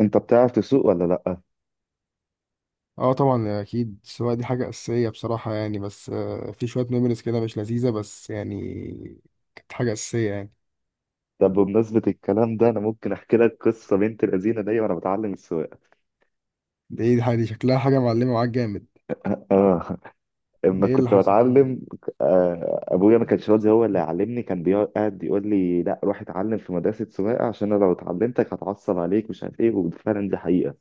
انت بتعرف تسوق ولا لا؟ اه طبعا اكيد السواقه دي حاجه اساسيه بصراحه، يعني بس في شويه ميموريز كده مش لذيذه، بس يعني كانت حاجه اساسيه يعني. طب بمناسبه الكلام ده، انا ممكن احكي لك قصه بنت الذين دي وانا بتعلم السواقه. ده ايه الحاجه دي؟ شكلها حاجه معلمه معاك جامد. اه. اما ايه اللي كنت حصل دي؟ بتعلم، ابويا ما كانش راضي هو اللي يعلمني، كان بيقعد يقول لي لا، روح اتعلم في مدرسه سواقه عشان انا لو اتعلمتك هتعصب عليك مش عارف ايه. وفعلا دي حقيقه.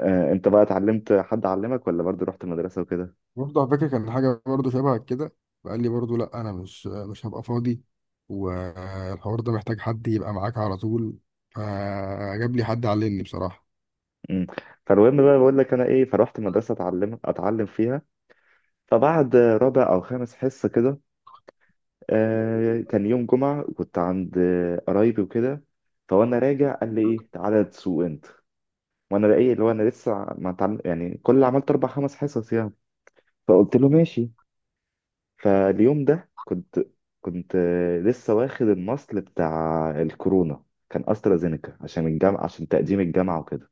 انت بقى اتعلمت، حد علمك ولا برضه رحت مدرسه وكده؟ برضه على فكره كان حاجه برضه شبه كده. فقال لي برضه لا، انا مش هبقى فاضي، والحوار ده محتاج حد يبقى معاك على طول. فجاب لي حد علمني بصراحه. امم. فالمهم بقى بقول لك انا ايه، فروحت مدرسه اتعلم فيها. فبعد رابع او خامس حصه كده، كان يوم جمعة، كنت عند قرايبي وكده. فوانا راجع قال لي ايه، تعالى تسوق انت. وانا بقى ايه اللي هو، انا لسه ما اتعلم يعني، كل اللي عملت اربع خمس حصص يعني. فقلت له ماشي. فاليوم ده كنت لسه واخد المصل بتاع الكورونا. كان استرازينيكا، عشان الجامعة، عشان تقديم الجامعة وكده.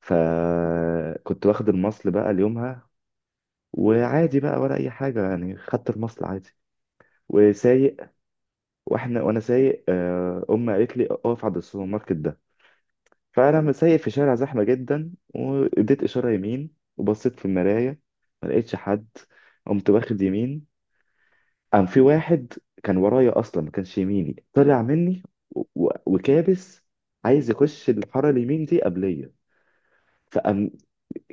فكنت واخد المصل بقى ليومها. وعادي بقى ولا اي حاجة يعني، خدت المصل عادي. وسايق. وانا سايق، امي قالت لي اقف عند السوبر ماركت ده. فانا لما سايق في شارع زحمه جدا، واديت اشاره يمين وبصيت في المرايه، ما لقيتش حد. قمت واخد يمين. قام في واحد كان ورايا، اصلا ما كانش يميني طلع مني. وكابس، عايز يخش الحاره اليمين دي قبليه. فقام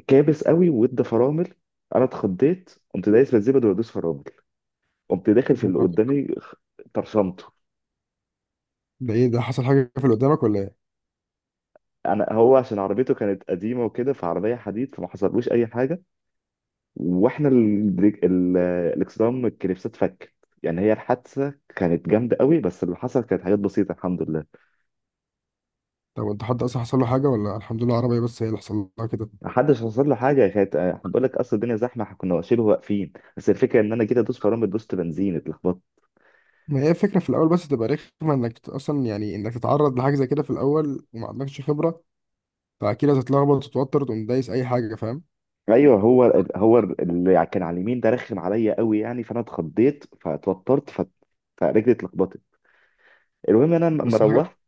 كابس قوي وادى فرامل. انا اتخضيت، قمت دايس بالزبده وادوس فرامل. قمت داخل في اللي قدامي، طرشمته. ده ايه ده، حصل حاجه في اللي قدامك ولا ايه؟ انا، هو عشان عربيته كانت قديمه وكده، فعربيه حديد فما حصلوش اي حاجه. واحنا الاكسدام الكليبسات فكت. يعني هي الحادثه كانت جامده قوي، بس اللي حصل كانت حاجات بسيطه الحمد لله. طب انت حد اصلا حصل له حاجه، ولا الحمد لله عربيه بس هي اللي حصل لها كده؟ ما حدش حصل له حاجه، كانت احنا بقول لك اصل الدنيا زحمه، احنا كنا شبه واقفين، بس الفكره ان انا جيت ادوس فرامل دوست بنزين، اتلخبطت. ما هي الفكرة في الأول بس تبقى رخمة إنك أصلا يعني إنك تتعرض لحاجة زي كده في الأول وما عندكش خبرة، فأكيد هتتلخبط وتتوتر وتقوم دايس أي حاجة، فاهم؟ ايوه، هو هو اللي كان على اليمين ده رخم عليا قوي يعني، فانا اتخضيت فاتوترت فرجلي اتلخبطت. المهم إن انا لما بس الحاجة روحت،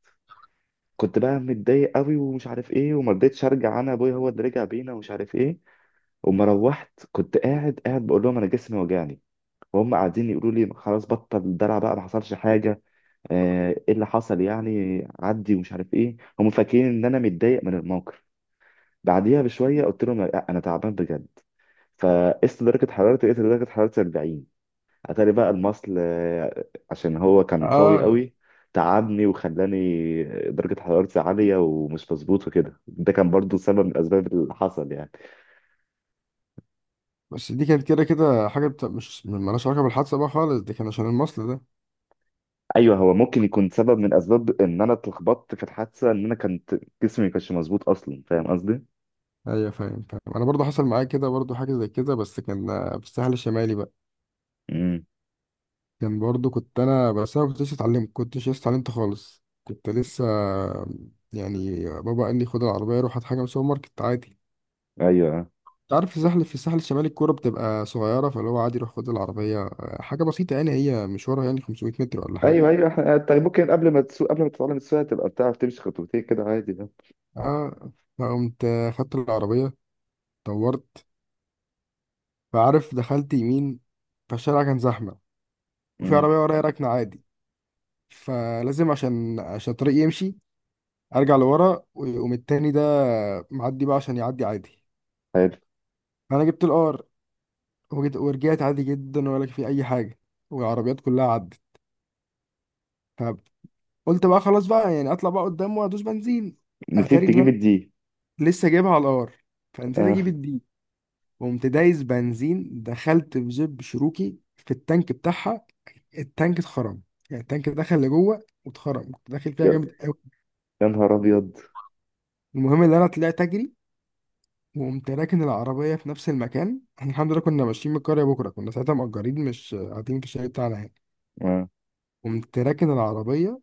كنت بقى متضايق قوي ومش عارف ايه، وما رضيتش ارجع، انا ابويا هو اللي رجع بينا ومش عارف ايه. وما روحت كنت قاعد قاعد بقول لهم انا جسمي وجعني، وهم قاعدين يقولوا لي خلاص بطل الدلع بقى، ما حصلش حاجه. ايه اللي حصل يعني، عدي ومش عارف ايه، هم فاكرين ان انا متضايق من الموقف. بعديها بشويه قلت لهم لا، انا تعبان بجد. فقست درجه حرارتي، لقيت درجه حرارتي 40. اتاري بقى المصل، عشان هو كان قوي آه، قوي، تعبني وخلاني درجة حرارتي عالية ومش مظبوط وكده. ده كان برضو سبب من الأسباب اللي حصل يعني. بس دي كانت كده كده مش مالهاش علاقة بالحادثة بقى خالص، دي كان عشان المصل ده. أيوه، هو ممكن يكون سبب من أسباب إن أنا اتلخبطت في الحادثة، إن أنا كنت جسمي ما كانش مظبوط أصلا. فاهم قصدي؟ أيوة، فاهم. أنا برضو حصل معايا كده، برضو حاجة زي كده، بس كان في الساحل الشمالي بقى. امم. كان برضو كنت أنا، بس أنا كنتش اتعلمت، كنتش لسه اتعلمت خالص، كنت لسه يعني بابا قال لي خد العربية روح هات حاجة من السوبر ماركت عادي. أيوه. آه. تعرف في الساحل الشمالي الكورة بتبقى صغيرة، فاللي هو عادي يروح خد العربية حاجة بسيطة، يعني هي مشوارها يعني 500 متر ولا حاجة. أيوه، أيوه، أنت ممكن قبل ما تسوق قبل ما تتعلم السواقة تبقى بتعرف تمشي خطوتين كده عادي ده. آه، فقمت خدت العربية، دورت، فعارف دخلت يمين. فالشارع كان زحمة وفي امم. عربية ورايا راكنة عادي، فلازم عشان الطريق يمشي أرجع لورا ويقوم التاني ده معدي بقى عشان يعدي عادي. حلو. فأنا جبت الار ورجعت عادي جدا ولا في أي حاجة، والعربيات كلها عدت. فقلت بقى خلاص بقى يعني أطلع بقى قدام وأدوس بنزين. نسيت اتاري تجيب ان الدي. لسه جايبها على الار، فنسيت اجيب آه. الدي. قمت دايس بنزين، دخلت بزب شروكي في التانك بتاعها، التانك اتخرم، يعني التانك دخل لجوه واتخرم، كنت داخل فيها يا جامد قوي. يا نهار أبيض. المهم ان انا طلعت اجري، وقمت راكن العربيه في نفس المكان. احنا الحمد لله كنا ماشيين من القريه بكره، كنا ساعتها مأجرين، مش قاعدين في الشارع بتاعنا يعني. آه. قمت راكن العربيه،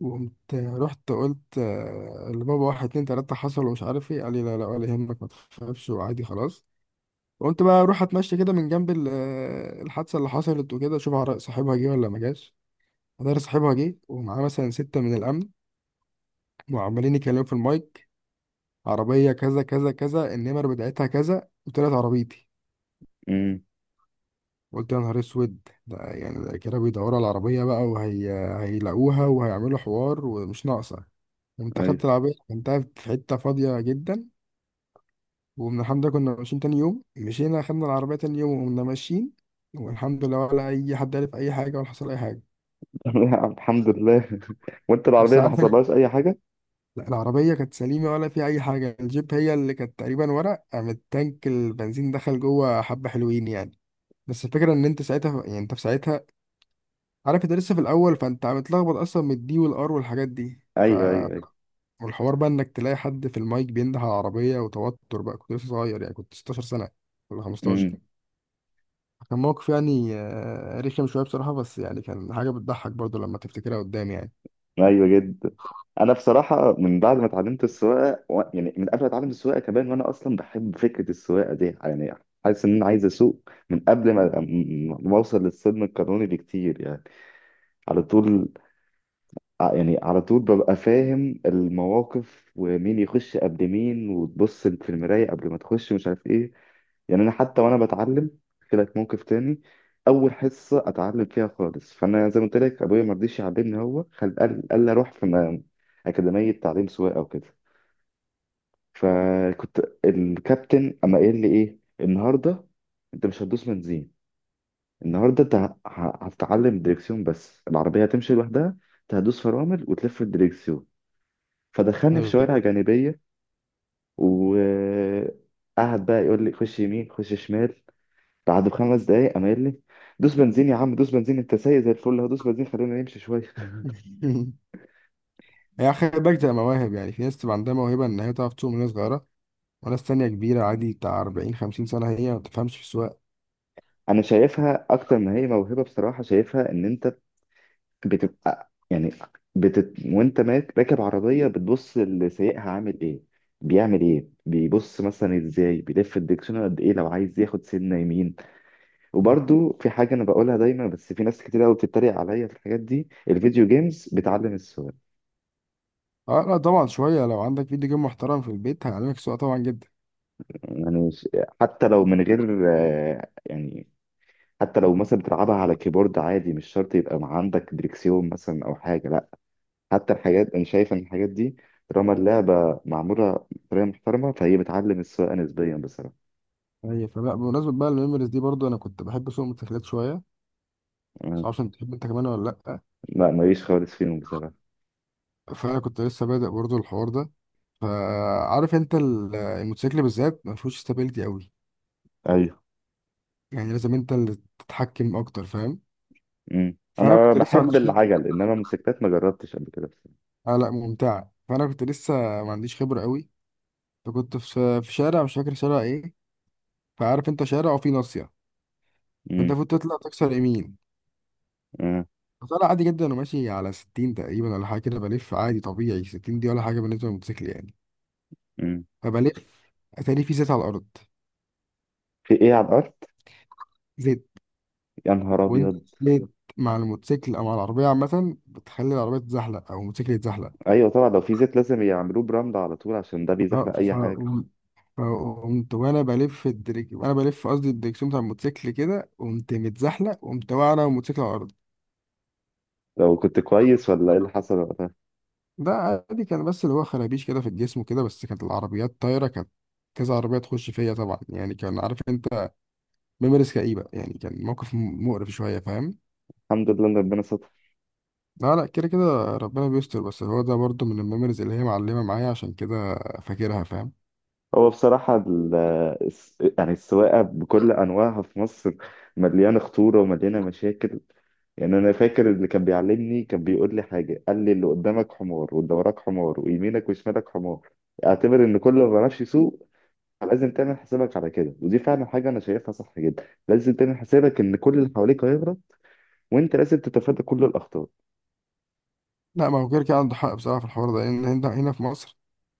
وقمت رحت قلت لبابا واحد اتنين تلاته حصل ومش عارف ايه. قال لي لا ولا يهمك ما تخافش وعادي خلاص. قلت بقى اروح اتمشى كده من جنب الحادثه اللي حصلت وكده، اشوف صاحبها جه ولا ما جاش. ادار صاحبها جه ومعاه مثلا سته من الامن، وعمالين يتكلموا في المايك عربيه كذا كذا كذا النمر بتاعتها كذا، وطلعت عربيتي. امم. قلت يا نهار اسود، ده يعني ده كده بيدوروا على العربيه بقى، وهي هيلاقوها وهيعملوا حوار ومش ناقصه. قمت اخدت أيوه. العربيه كنتها في حته فاضيه جدا، ومن الحمد لله كنا ماشيين تاني يوم، مشينا خدنا العربيه تاني يوم وقمنا ماشيين، والحمد لله ولا اي حد عرف اي حاجه ولا حصل اي حاجه. لا الحمد لله. وانت بس العربية ما عارف انت، حصلهاش اي حاجة؟ العربية كانت سليمة ولا في أي حاجة، الجيب هي اللي كانت تقريبا ورق، قام التانك البنزين دخل جوه حبة، حلوين يعني. بس الفكرة إن أنت في ساعتها عارف أنت لسه في الأول، فأنت متلخبط أصلا من الدي والآر والحاجات دي، ف ايوه، ايوه، ايوه. والحوار بقى إنك تلاقي حد في المايك بينده على العربية وتوتر بقى، كنت لسه صغير، يعني كنت 16 سنة ولا 15. امم. كان موقف يعني رخم شوية بصراحة، بس يعني كان حاجة بتضحك برضو لما تفتكرها قدام يعني. ايوه جدا. انا بصراحة من بعد ما اتعلمت السواقة يعني من قبل ما اتعلم السواقة كمان، وانا اصلا بحب فكرة السواقة دي يعني، حاسس ان انا عايز اسوق من قبل ما اوصل للسن القانوني بكتير يعني. على طول. يعني على طول ببقى فاهم المواقف، ومين يخش قبل مين، وتبص في المراية قبل ما تخش مش عارف ايه. يعني انا حتى وانا بتعلم، احكي لك موقف تاني. اول حصه اتعلم فيها خالص، فانا زي ما قلت لك ابويا ما رضيش يعلمني، هو قال لي اروح في اكاديميه تعليم سواقه وكده. فكنت الكابتن اما قال لي ايه، النهارده انت مش هتدوس بنزين، النهارده انت هتتعلم دريكسيون بس، العربيه هتمشي لوحدها، انت هتدوس فرامل وتلف الدريكسيون. فدخلني في أيوة. شوارع جانبية، وقعد بقى يقول لي خش يمين خش شمال. بعد 5 دقايق قام قايل لي، دوس بنزين يا عم، دوس بنزين، انت سايق زي الفل، هدوس بنزين خلينا نمشي شوية. هي خلي بالك تبقى مواهب، يعني في ناس تبقى عندها موهبة إن هي تعرف تسوق من وهي صغيرة، وناس تانية كبيرة عادي بتاع 40 50 سنة هي ما تفهمش في السواقة. انا شايفها اكتر ما هي موهبة بصراحة، شايفها ان انت بتبقى يعني، وانت ماك راكب عربية بتبص لسايقها عامل ايه، بيعمل ايه، بيبص مثلا ازاي، بيلف الدكسون قد ايه لو عايز ياخد سنة يمين. وبرضو في حاجة أنا بقولها دايما، بس في ناس كتير أوي بتتريق عليا في الحاجات دي، الفيديو جيمز بتعلم السواقة. اه لا طبعا شوية، لو عندك فيديو جيم محترم في البيت هيعلمك السواقة طبعا جدا. يعني حتى لو من غير يعني، حتى لو مثلا بتلعبها على كيبورد عادي، مش شرط يبقى مع عندك دريكسيون مثلا أو حاجة، لأ. حتى الحاجات، أنا شايف إن الحاجات دي طالما اللعبة معمولة بطريقة محترمة، فهي بتعلم السواقة نسبيا بصراحة. هي فلا، بمناسبة بقى الميموريز دي، برضو أنا كنت بحب أسوق موتوسيكلات شوية، بس آه، معرفش أنت بتحب أنت كمان ولا لأ. لا ماليش خالص فيهم بصراحة. فأنا كنت لسه بادئ برضو الحوار ده، فعارف أنت الموتوسيكل بالذات ما فيهوش استابيليتي قوي، أيوه. يعني لازم أنت اللي تتحكم أكتر، فاهم؟ مم. فأنا أنا كنت لسه ما بحب عنديش خبرة. العجل، إنما موتوسيكلات ما جربتش قبل كده بصراحة. آه لا ممتعة. فأنا كنت لسه ما عنديش خبرة قوي. فكنت في شارع مش فاكر شارع ايه، فعارف انت شارع وفي ناصية، فانت مم. المفروض تطلع تكسر يمين. آه. فطلع عادي جدا، انا ماشي على 60 تقريبا ولا حاجة كده، بلف عادي طبيعي، 60 دي ولا حاجة بالنسبة للموتوسيكل يعني. مم. فبلف، اتاري في زيت على الأرض. في ايه على الارض؟ زيت. يا نهار وانت ابيض. زيت مع الموتوسيكل أو مع العربية عامة بتخلي العربية تتزحلق أو الموتوسيكل يتزحلق. ايوه طبعا، لو في زيت لازم يعملوه برمل على طول، عشان ده اه بيزحلق اي ف حاجه. فقمت وانا بلف وانا بلف قصدي الدريكسيون بتاع الموتوسيكل كده، قمت متزحلق، قمت واقع انا والموتوسيكل على الارض. لو كنت كويس ولا ايه اللي حصل وقتها؟ ده عادي كان، بس اللي هو خرابيش كده في الجسم وكده، بس كانت العربيات طايرة، كانت كذا عربية تخش فيا طبعا يعني، كان عارف انت، ميموريز كئيبة يعني، كان موقف مقرف شوية، فاهم؟ الحمد لله ان ربنا ستر. لا، كده كده ربنا بيستر، بس هو ده برضو من الميموريز اللي هي معلمة معايا عشان كده فاكرها، فاهم؟ هو بصراحه يعني السواقه بكل انواعها في مصر مليانه خطوره ومليانه مشاكل. يعني انا فاكر اللي كان بيعلمني كان بيقول لي حاجه، قال لي اللي قدامك حمار واللي وراك حمار ويمينك وشمالك حمار، اعتبر ان كل ما بيعرفش يسوق. لازم تعمل حسابك على كده، ودي فعلا حاجه انا شايفها صح جدا، لازم تعمل حسابك ان كل اللي حواليك هيغلط، وانت لازم تتفادى كل الاخطار. لا، ما هو كده كده عنده حق بصراحة في الحوار ده، لأن هنا في مصر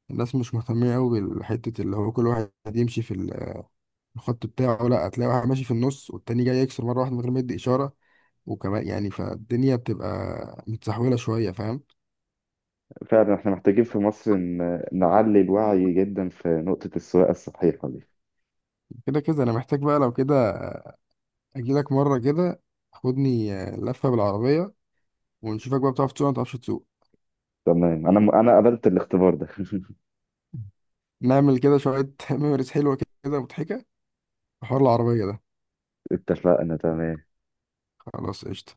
الناس مش مهتمية أوي بالحتة، اللي هو كل واحد يمشي في الخط بتاعه. لا، هتلاقي واحد ماشي في النص والتاني جاي يكسر مرة واحدة من غير ما يدي إشارة، وكمان يعني، فالدنيا بتبقى متسحولة شوية، فاهم؟ فعلا احنا محتاجين في مصر نعلي الوعي جدا في نقطة السواقة الصحيحة دي. كده كده انا محتاج بقى لو كده اجيلك مره كده، خدني لفه بالعربيه ونشوفك بقى بتعرف تسوق ولا ما بتعرفش تسوق. تمام، انا قبلت الاختبار ده. نعمل كده شويه ميموريز حلوه كده مضحكه في حوار العربيه ده. اتفقنا، تمام. خلاص قشطه.